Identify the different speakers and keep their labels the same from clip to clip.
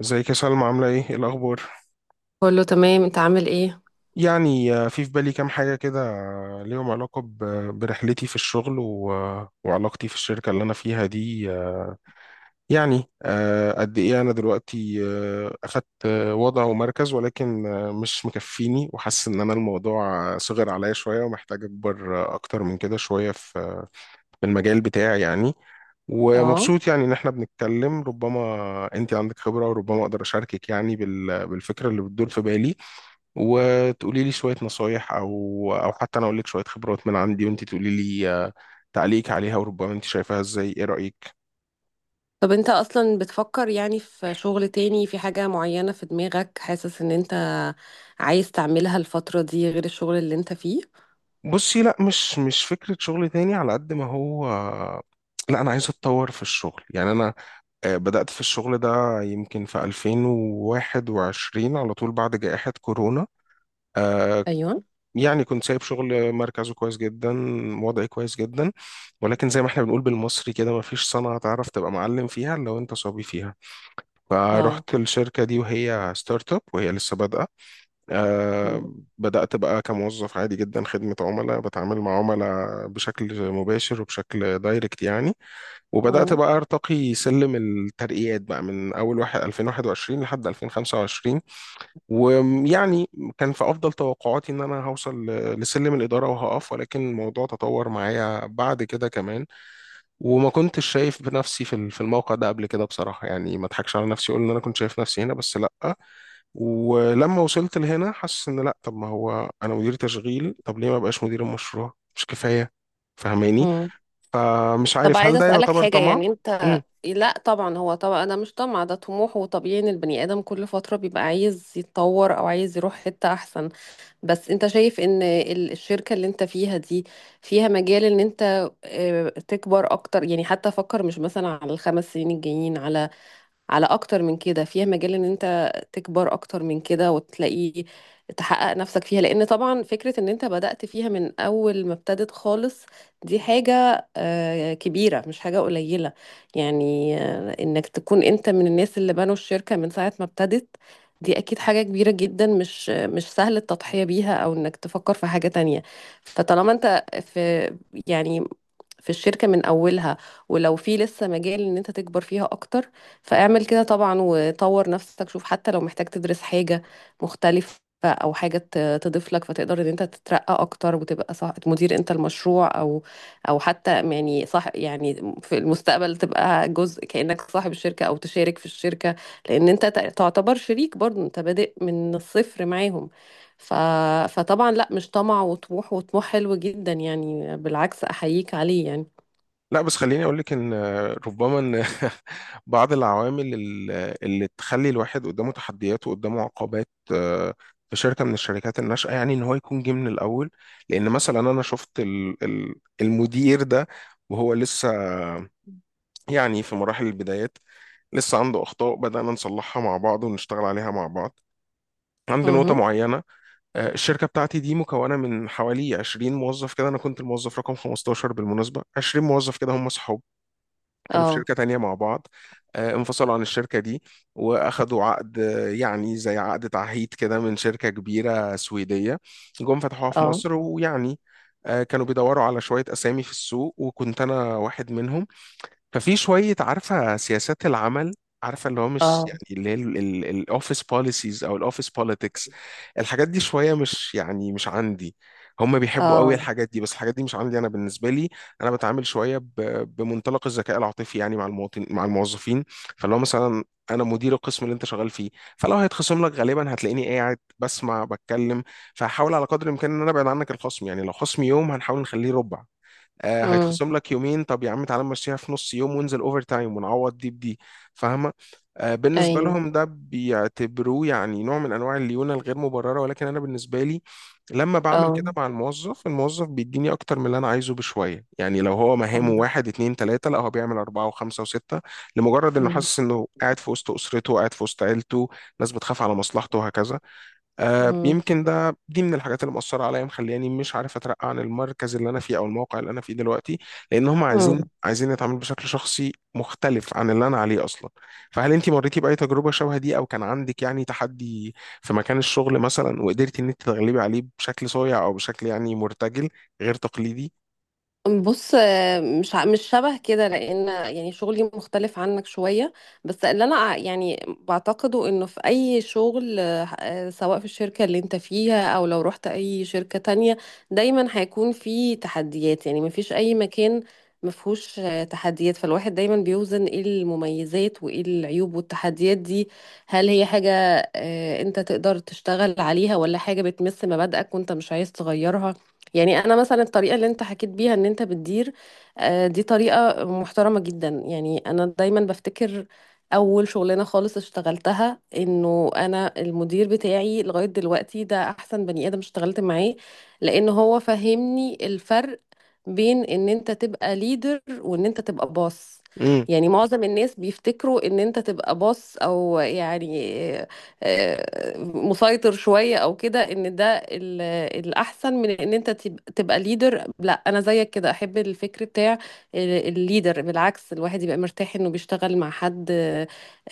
Speaker 1: ازيك يا سلمى؟ عاملة ايه الأخبار؟
Speaker 2: كله تمام، انت عامل ايه؟
Speaker 1: في بالي كام حاجة كده، ليهم علاقة برحلتي في الشغل و وعلاقتي في الشركة اللي أنا فيها دي. قد ايه أنا دلوقتي أخدت وضع ومركز، ولكن مش مكفيني، وحاسس إن أنا الموضوع صغر عليا شوية، ومحتاج أكبر أكتر من كده شوية في في المجال بتاعي يعني.
Speaker 2: اه.
Speaker 1: ومبسوط يعني ان احنا بنتكلم، ربما انت عندك خبرة وربما اقدر اشاركك يعني بالفكرة اللي بتدور في بالي، وتقولي لي شوية نصايح، أو حتى أنا أقول لك شوية خبرات من عندي، وأنت تقولي لي تعليق عليها، وربما أنت شايفاها إزاي. إيه رأيك؟
Speaker 2: طب انت اصلا بتفكر يعني في شغل تاني، في حاجة معينة في دماغك، حاسس ان انت عايز تعملها الفترة دي غير الشغل اللي انت فيه؟
Speaker 1: بصي، لا، مش فكرة شغل تاني على قد ما هو، لا أنا عايز أتطور في الشغل. يعني أنا بدأت في الشغل ده يمكن في 2021 على طول بعد جائحة كورونا. آه،
Speaker 2: ايوه.
Speaker 1: يعني كنت سايب شغل مركزه كويس جدا، وضعي كويس جدا، ولكن زي ما احنا بنقول بالمصري كده، مفيش صنعة تعرف تبقى معلم فيها إلا وأنت صبي فيها.
Speaker 2: اه.
Speaker 1: فرحت الشركة دي وهي ستارت اب وهي لسه بادئة.
Speaker 2: مم.
Speaker 1: آه، بدأت بقى كموظف عادي جدا، خدمة عملاء، بتعامل مع عملاء بشكل مباشر وبشكل دايركت يعني. وبدأت
Speaker 2: مم.
Speaker 1: بقى أرتقي سلم الترقيات بقى من أول واحد 2021 لحد 2025. ويعني كان في أفضل توقعاتي إن أنا هوصل لسلم الإدارة وهقف، ولكن الموضوع تطور معايا بعد كده كمان. وما كنتش شايف بنفسي في في الموقع ده قبل كده بصراحة، يعني ما اضحكش على نفسي اقول ان انا كنت شايف نفسي هنا، بس لا. ولما وصلت لهنا حاسس ان لا، طب ما هو انا مدير تشغيل، طب ليه ما بقاش مدير المشروع؟ مش كفاية؟ فاهماني؟
Speaker 2: مم.
Speaker 1: فمش
Speaker 2: طب
Speaker 1: عارف هل
Speaker 2: عايزة
Speaker 1: ده
Speaker 2: اسألك
Speaker 1: يعتبر
Speaker 2: حاجة،
Speaker 1: طمع.
Speaker 2: يعني انت. لا طبعا، هو طبعا انا مش طمع، ده طموح وطبيعي ان البني ادم كل فترة بيبقى عايز يتطور او عايز يروح حتة احسن. بس انت شايف ان الشركة اللي انت فيها دي فيها مجال ان انت تكبر اكتر، يعني حتى فكر مش مثلا على ال5 سنين الجايين، على اكتر من كده فيها مجال ان انت تكبر اكتر من كده وتلاقي تحقق نفسك فيها، لان طبعا فكرة ان انت بدأت فيها من اول ما ابتدت خالص دي حاجة كبيرة، مش حاجة قليلة، يعني انك تكون انت من الناس اللي بنوا الشركة من ساعة ما ابتدت، دي اكيد حاجة كبيرة جدا، مش سهل التضحية بيها او انك تفكر في حاجة تانية. فطالما انت في، يعني في الشركة من أولها، ولو في لسه مجال إن أنت تكبر فيها أكتر، فاعمل كده طبعا وطور نفسك، شوف حتى لو محتاج تدرس حاجة مختلفة أو حاجة تضيف لك، فتقدر إن أنت تترقى أكتر وتبقى صح مدير أنت المشروع، أو حتى يعني صح، يعني في المستقبل تبقى جزء كأنك صاحب الشركة أو تشارك في الشركة، لأن أنت تعتبر شريك برضه، أنت بادئ من الصفر معاهم. ف... فطبعا لا، مش طمع، وطموح وطموح حلو جدا، يعني بالعكس أحييك عليه يعني.
Speaker 1: لا بس خليني اقول لك ان ربما ان بعض اللي تخلي الواحد قدامه تحديات وقدامه عقبات في شركه من الشركات الناشئه، يعني ان هو يكون جه من الاول. لان مثلا انا شفت المدير ده وهو لسه يعني في مراحل البدايات، لسه عنده اخطاء بدانا نصلحها مع بعض ونشتغل عليها مع بعض. عند نقطة
Speaker 2: اها.
Speaker 1: معينة، الشركة بتاعتي دي مكونة من حوالي 20 موظف كده. أنا كنت الموظف رقم 15 بالمناسبة. 20 موظف كده هم كانوا في
Speaker 2: اه.
Speaker 1: شركة تانية مع بعض، انفصلوا عن الشركة دي، وأخدوا عقد يعني زي عقد تعهيد كده من شركة كبيرة سويدية، جم فتحوها في
Speaker 2: اه.
Speaker 1: مصر. ويعني كانوا بيدوروا على شوية أسامي في السوق، وكنت أنا واحد منهم. ففي شوية عارفة سياسات العمل، عارفة اللي هو مش يعني
Speaker 2: اه.
Speaker 1: اللي هي الاوفيس بوليسيز او الاوفيس بوليتكس، الحاجات دي شوية مش يعني مش عندي. هم بيحبوا قوي
Speaker 2: اه.
Speaker 1: الحاجات دي، بس الحاجات دي مش عندي انا بالنسبة لي. انا بتعامل شوية بمنطلق الذكاء العاطفي يعني مع المواطن، مع الموظفين. فاللي هو مثلا انا مدير القسم اللي انت شغال فيه، فلو هيتخصم لك غالبا هتلاقيني قاعد بسمع بتكلم، فهحاول على قدر الامكان ان انا ابعد عنك الخصم. يعني لو خصمي يوم هنحاول نخليه ربع، آه
Speaker 2: امم.
Speaker 1: هيتخصم لك يومين طب يا عم تعالى نمشيها في نص يوم وانزل اوفر تايم ونعوض دي بدي. فاهمه؟ آه بالنسبه
Speaker 2: ايوه.
Speaker 1: لهم ده بيعتبروه يعني نوع من انواع الليونه الغير مبرره، ولكن انا بالنسبه لي لما بعمل
Speaker 2: اه.
Speaker 1: كده مع الموظف، الموظف بيديني اكتر من اللي انا عايزه بشويه. يعني لو هو مهامه واحد اتنين تلاته، لا هو بيعمل اربعه وخمسه وسته، لمجرد انه حاسس انه قاعد في وسط اسرته، قاعد في وسط عيلته، ناس بتخاف على مصلحته، وهكذا.
Speaker 2: امم.
Speaker 1: يمكن ده دي من الحاجات اللي مؤثرة عليا، مخلياني مش عارف اترقى عن المركز اللي انا فيه او الموقع اللي انا فيه دلوقتي، لان هم عايزين يتعاملوا بشكل شخصي مختلف عن اللي انا عليه اصلا. فهل انت مريتي باي تجربة شبه دي، او كان عندك يعني تحدي في مكان الشغل مثلا وقدرتي ان انت تتغلبي عليه بشكل صايع، او بشكل يعني مرتجل غير تقليدي؟
Speaker 2: بص، مش شبه كده، لان يعني شغلي مختلف عنك شويه. بس اللي انا يعني بعتقده انه في اي شغل، سواء في الشركه اللي انت فيها او لو رحت اي شركه تانية، دايما هيكون في تحديات، يعني مفيش اي مكان مفهوش تحديات، فالواحد دايما بيوزن ايه المميزات وايه العيوب والتحديات دي، هل هي حاجه انت تقدر تشتغل عليها، ولا حاجه بتمس مبادئك وانت مش عايز تغيرها. يعني انا مثلا الطريقه اللي انت حكيت بيها ان انت بتدير دي طريقه محترمه جدا، يعني انا دايما بفتكر اول شغلانه خالص اشتغلتها، انه انا المدير بتاعي لغايه دلوقتي ده احسن بني ادم اشتغلت معاه، لان هو فهمني الفرق بين ان انت تبقى ليدر وان انت تبقى باص.
Speaker 1: امم،
Speaker 2: يعني معظم الناس بيفتكروا ان انت تبقى باص، او يعني مسيطر شوية او كده، ان ده ال- الاحسن من ان انت تبقى ليدر. لا، انا زيك كده احب الفكر بتاع الليدر، بالعكس الواحد يبقى مرتاح انه بيشتغل مع حد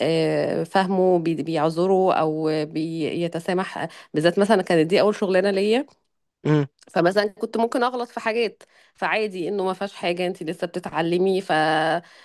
Speaker 2: فاهمه، بيعذره او بيتسامح، بالذات مثلا كانت دي اول شغلانه ليا، فمثلا كنت ممكن اغلط في حاجات، فعادي انه ما فيهاش حاجه، انت لسه بتتعلمي.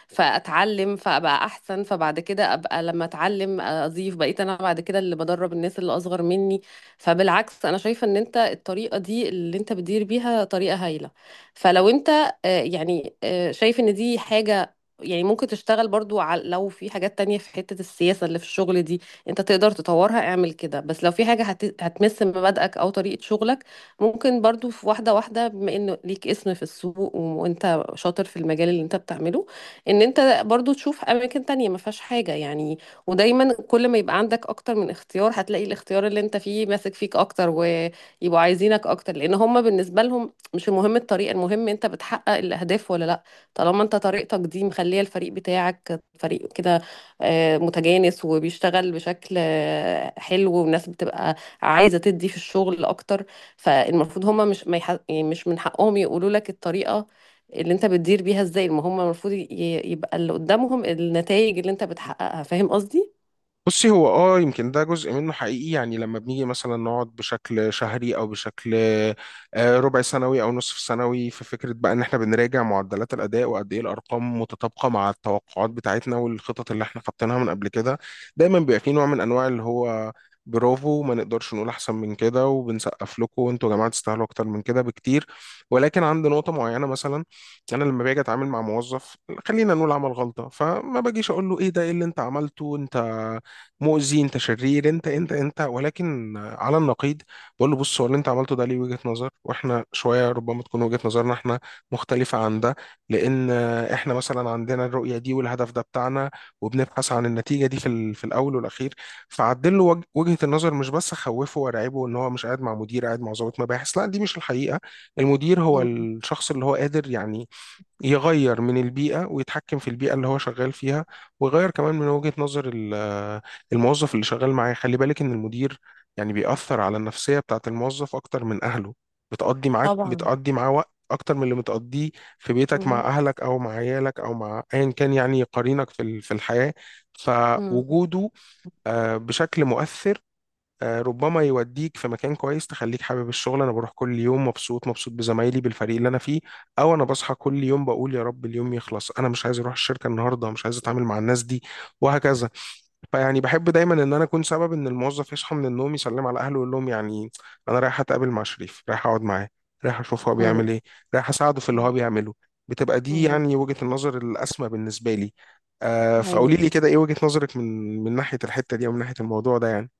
Speaker 2: فاتعلم فابقى احسن، فبعد كده ابقى لما اتعلم اضيف، بقيت انا بعد كده اللي بدرب الناس اللي اصغر مني. فبالعكس انا شايفه ان انت الطريقه دي اللي انت بتدير بيها طريقه هايله. فلو انت شايف ان دي حاجه، يعني ممكن تشتغل برضو على، لو في حاجات تانية في حتة السياسة اللي في الشغل دي انت تقدر تطورها اعمل كده. بس لو في حاجة هتمس مبادئك او طريقة شغلك ممكن برضو في واحدة واحدة، بما انه ليك اسم في السوق وانت شاطر في المجال اللي انت بتعمله، ان انت برضو تشوف اماكن تانية ما فيهاش حاجة يعني. ودايما كل ما يبقى عندك اكتر من اختيار هتلاقي الاختيار اللي انت فيه ماسك فيك اكتر ويبقوا عايزينك اكتر، لان هم بالنسبة لهم مش المهم الطريقة، المهم انت بتحقق الاهداف ولا لا. طالما انت طريقتك دي مخلية الفريق بتاعك فريق كده متجانس وبيشتغل بشكل حلو، والناس بتبقى عايزة تدي في الشغل اكتر، فالمفروض هما مش ما يح... يعني مش من حقهم يقولوا لك الطريقة اللي انت بتدير بيها ازاي، ما هما المفروض يبقى اللي قدامهم النتائج اللي انت بتحققها، فاهم قصدي؟
Speaker 1: بصي هو اه يمكن ده جزء منه حقيقي. يعني لما بنيجي مثلا نقعد بشكل شهري او بشكل ربع سنوي او نصف سنوي في فكره بقى ان احنا بنراجع معدلات الاداء وقد ايه الارقام متطابقه مع التوقعات بتاعتنا والخطط اللي احنا حاطينها من قبل كده، دايما بيبقى في نوع من انواع اللي هو برافو، ما نقدرش نقول احسن من كده، وبنسقف لكم، وانتوا يا جماعه تستاهلوا اكتر من كده بكتير. ولكن عند نقطه معينه مثلا، انا لما باجي اتعامل مع موظف، خلينا نقول عمل غلطه، فما باجيش اقول له ايه ده، ايه اللي انت عملته، انت مؤذي انت شرير انت انت انت ولكن على النقيض، بقول له بص، هو اللي انت عملته ده ليه وجهة نظر، واحنا شويه ربما تكون وجهة نظرنا احنا مختلفه عن ده، لان احنا مثلا عندنا الرؤيه دي والهدف ده بتاعنا، وبنبحث عن النتيجه دي في في الاول والاخير. فعدل له وجهة النظر، مش بس خوفه ورعبه ان هو مش قاعد مع مدير، قاعد مع ضابط مباحث. لا دي مش الحقيقه. المدير هو
Speaker 2: مم.
Speaker 1: الشخص اللي هو قادر يعني يغير من البيئة ويتحكم في البيئة اللي هو شغال فيها، ويغير كمان من وجهة نظر الموظف اللي شغال معاه. خلي بالك إن المدير يعني بيأثر على النفسية بتاعة الموظف أكتر من أهله. بتقضي معاك،
Speaker 2: طبعا.
Speaker 1: بتقضي معاه وقت أكتر من اللي بتقضيه في بيتك مع
Speaker 2: مم.
Speaker 1: أهلك، أو مع عيالك، أو مع أيا كان يعني قرينك في في الحياة.
Speaker 2: مم.
Speaker 1: فوجوده بشكل مؤثر ربما يوديك في مكان كويس تخليك حابب الشغل، انا بروح كل يوم مبسوط، مبسوط بزمايلي، بالفريق اللي انا فيه. او انا بصحى كل يوم بقول يا رب اليوم يخلص، انا مش عايز اروح الشركه النهارده، مش عايز اتعامل مع الناس دي، وهكذا. فيعني بحب دايما ان انا اكون سبب ان الموظف يصحى من النوم، يسلم على اهله ويقول لهم يعني انا رايح اتقابل مع شريف، رايح اقعد معاه، رايح اشوف هو
Speaker 2: مم.
Speaker 1: بيعمل ايه، رايح اساعده في اللي هو
Speaker 2: مم.
Speaker 1: بيعمله. بتبقى دي
Speaker 2: مم.
Speaker 1: يعني وجهة النظر الاسمى بالنسبه لي. فقولي
Speaker 2: أيوة.
Speaker 1: لي كده، ايه وجهة نظرك من ناحيه الحته دي، او من ناحيه الموضوع ده يعني؟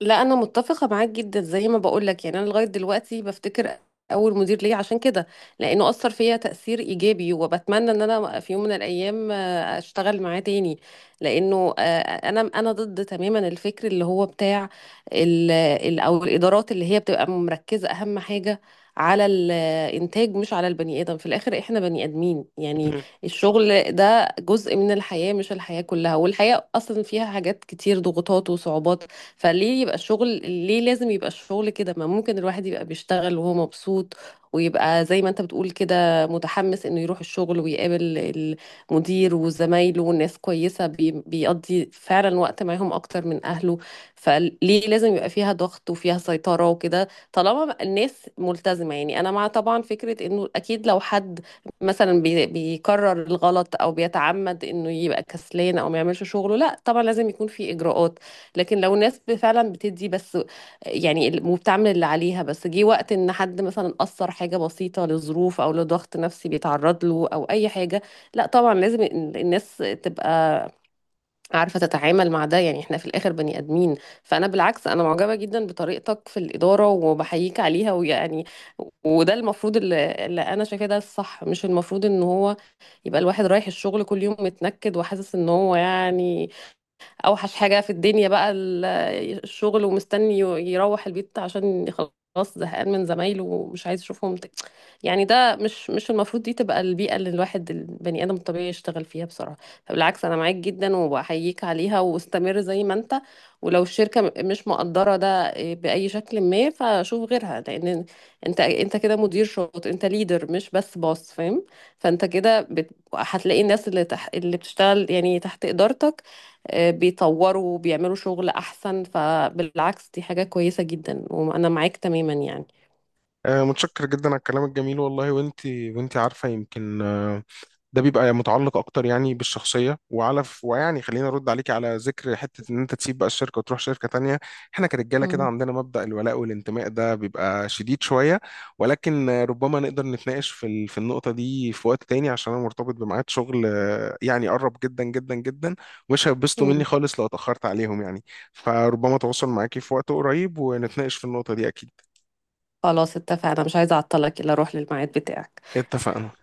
Speaker 2: لا انا متفقه معاك جدا، زي ما بقول لك، يعني انا لغايه دلوقتي بفتكر اول مدير ليا عشان كده، لانه اثر فيا تاثير ايجابي، وبتمنى ان انا في يوم من الايام اشتغل معاه تاني، لانه انا ضد تماما الفكر اللي هو بتاع او الادارات اللي هي بتبقى مركزه اهم حاجه على الانتاج مش على البني ادم. في الاخر احنا بني ادمين، يعني الشغل ده جزء من الحياه مش الحياه كلها، والحياه اصلا فيها حاجات كتير، ضغوطات وصعوبات، فليه يبقى الشغل، ليه لازم يبقى الشغل كده؟ ما ممكن الواحد يبقى بيشتغل وهو مبسوط، ويبقى زي ما انت بتقول كده متحمس انه يروح الشغل ويقابل المدير وزمايله، والناس كويسة، بيقضي فعلا وقت معاهم اكتر من اهله. فليه لازم يبقى فيها ضغط وفيها سيطرة وكده؟ طالما الناس ملتزمة، يعني انا مع طبعا فكرة انه اكيد لو حد مثلا بيكرر الغلط او بيتعمد انه يبقى كسلان او ما يعملش شغله، لا طبعا لازم يكون في اجراءات. لكن لو ناس فعلا بتدي بس، يعني وبتعمل اللي عليها، بس جه وقت ان حد مثلا اثر حاجه بسيطه لظروف او لضغط نفسي بيتعرض له او اي حاجه، لا طبعا لازم الناس تبقى عارفه تتعامل مع ده، يعني احنا في الاخر بني ادمين. فانا بالعكس انا معجبه جدا بطريقتك في الاداره وبحييك عليها، ويعني وده المفروض اللي انا شايفاه ده الصح، مش المفروض ان هو يبقى الواحد رايح الشغل كل يوم متنكد وحاسس ان هو يعني اوحش حاجة في الدنيا بقى الشغل، ومستني يروح البيت عشان خلاص زهقان من زمايله ومش عايز اشوفهم تاني. يعني ده مش المفروض دي تبقى البيئة اللي الواحد البني آدم الطبيعي يشتغل فيها بصراحة. بالعكس أنا معاك جدا وبحييك عليها، واستمر زي ما أنت. ولو الشركة مش مقدرة ده بأي شكل ما فشوف غيرها، لأن أنت كده مدير شاطر، أنت ليدر مش بس باص، فاهم؟ فأنت كده هتلاقي الناس اللي بتشتغل يعني تحت إدارتك بيطوروا وبيعملوا شغل أحسن، فبالعكس دي حاجة كويسة جدا وأنا معاك تماما يعني.
Speaker 1: متشكر جدا على الكلام الجميل والله. وانت عارفه، يمكن ده بيبقى متعلق اكتر يعني بالشخصيه. وعلى ويعني خلينا ارد عليكي على ذكر حته ان انت تسيب بقى الشركه وتروح شركه تانية، احنا كرجاله كده عندنا مبدا الولاء والانتماء، ده بيبقى شديد شويه. ولكن ربما نقدر نتناقش في في النقطه دي في وقت تاني، عشان انا مرتبط بميعاد شغل يعني قرب جدا جدا جدا، ومش هيبسطوا مني
Speaker 2: مم.
Speaker 1: خالص لو اتاخرت عليهم يعني. فربما اتواصل معاكي في وقت قريب ونتناقش في النقطه دي اكيد.
Speaker 2: خلاص اتفقنا، مش عايزة اعطلك الا اروح للميعاد بتاعك.
Speaker 1: اتفقنا.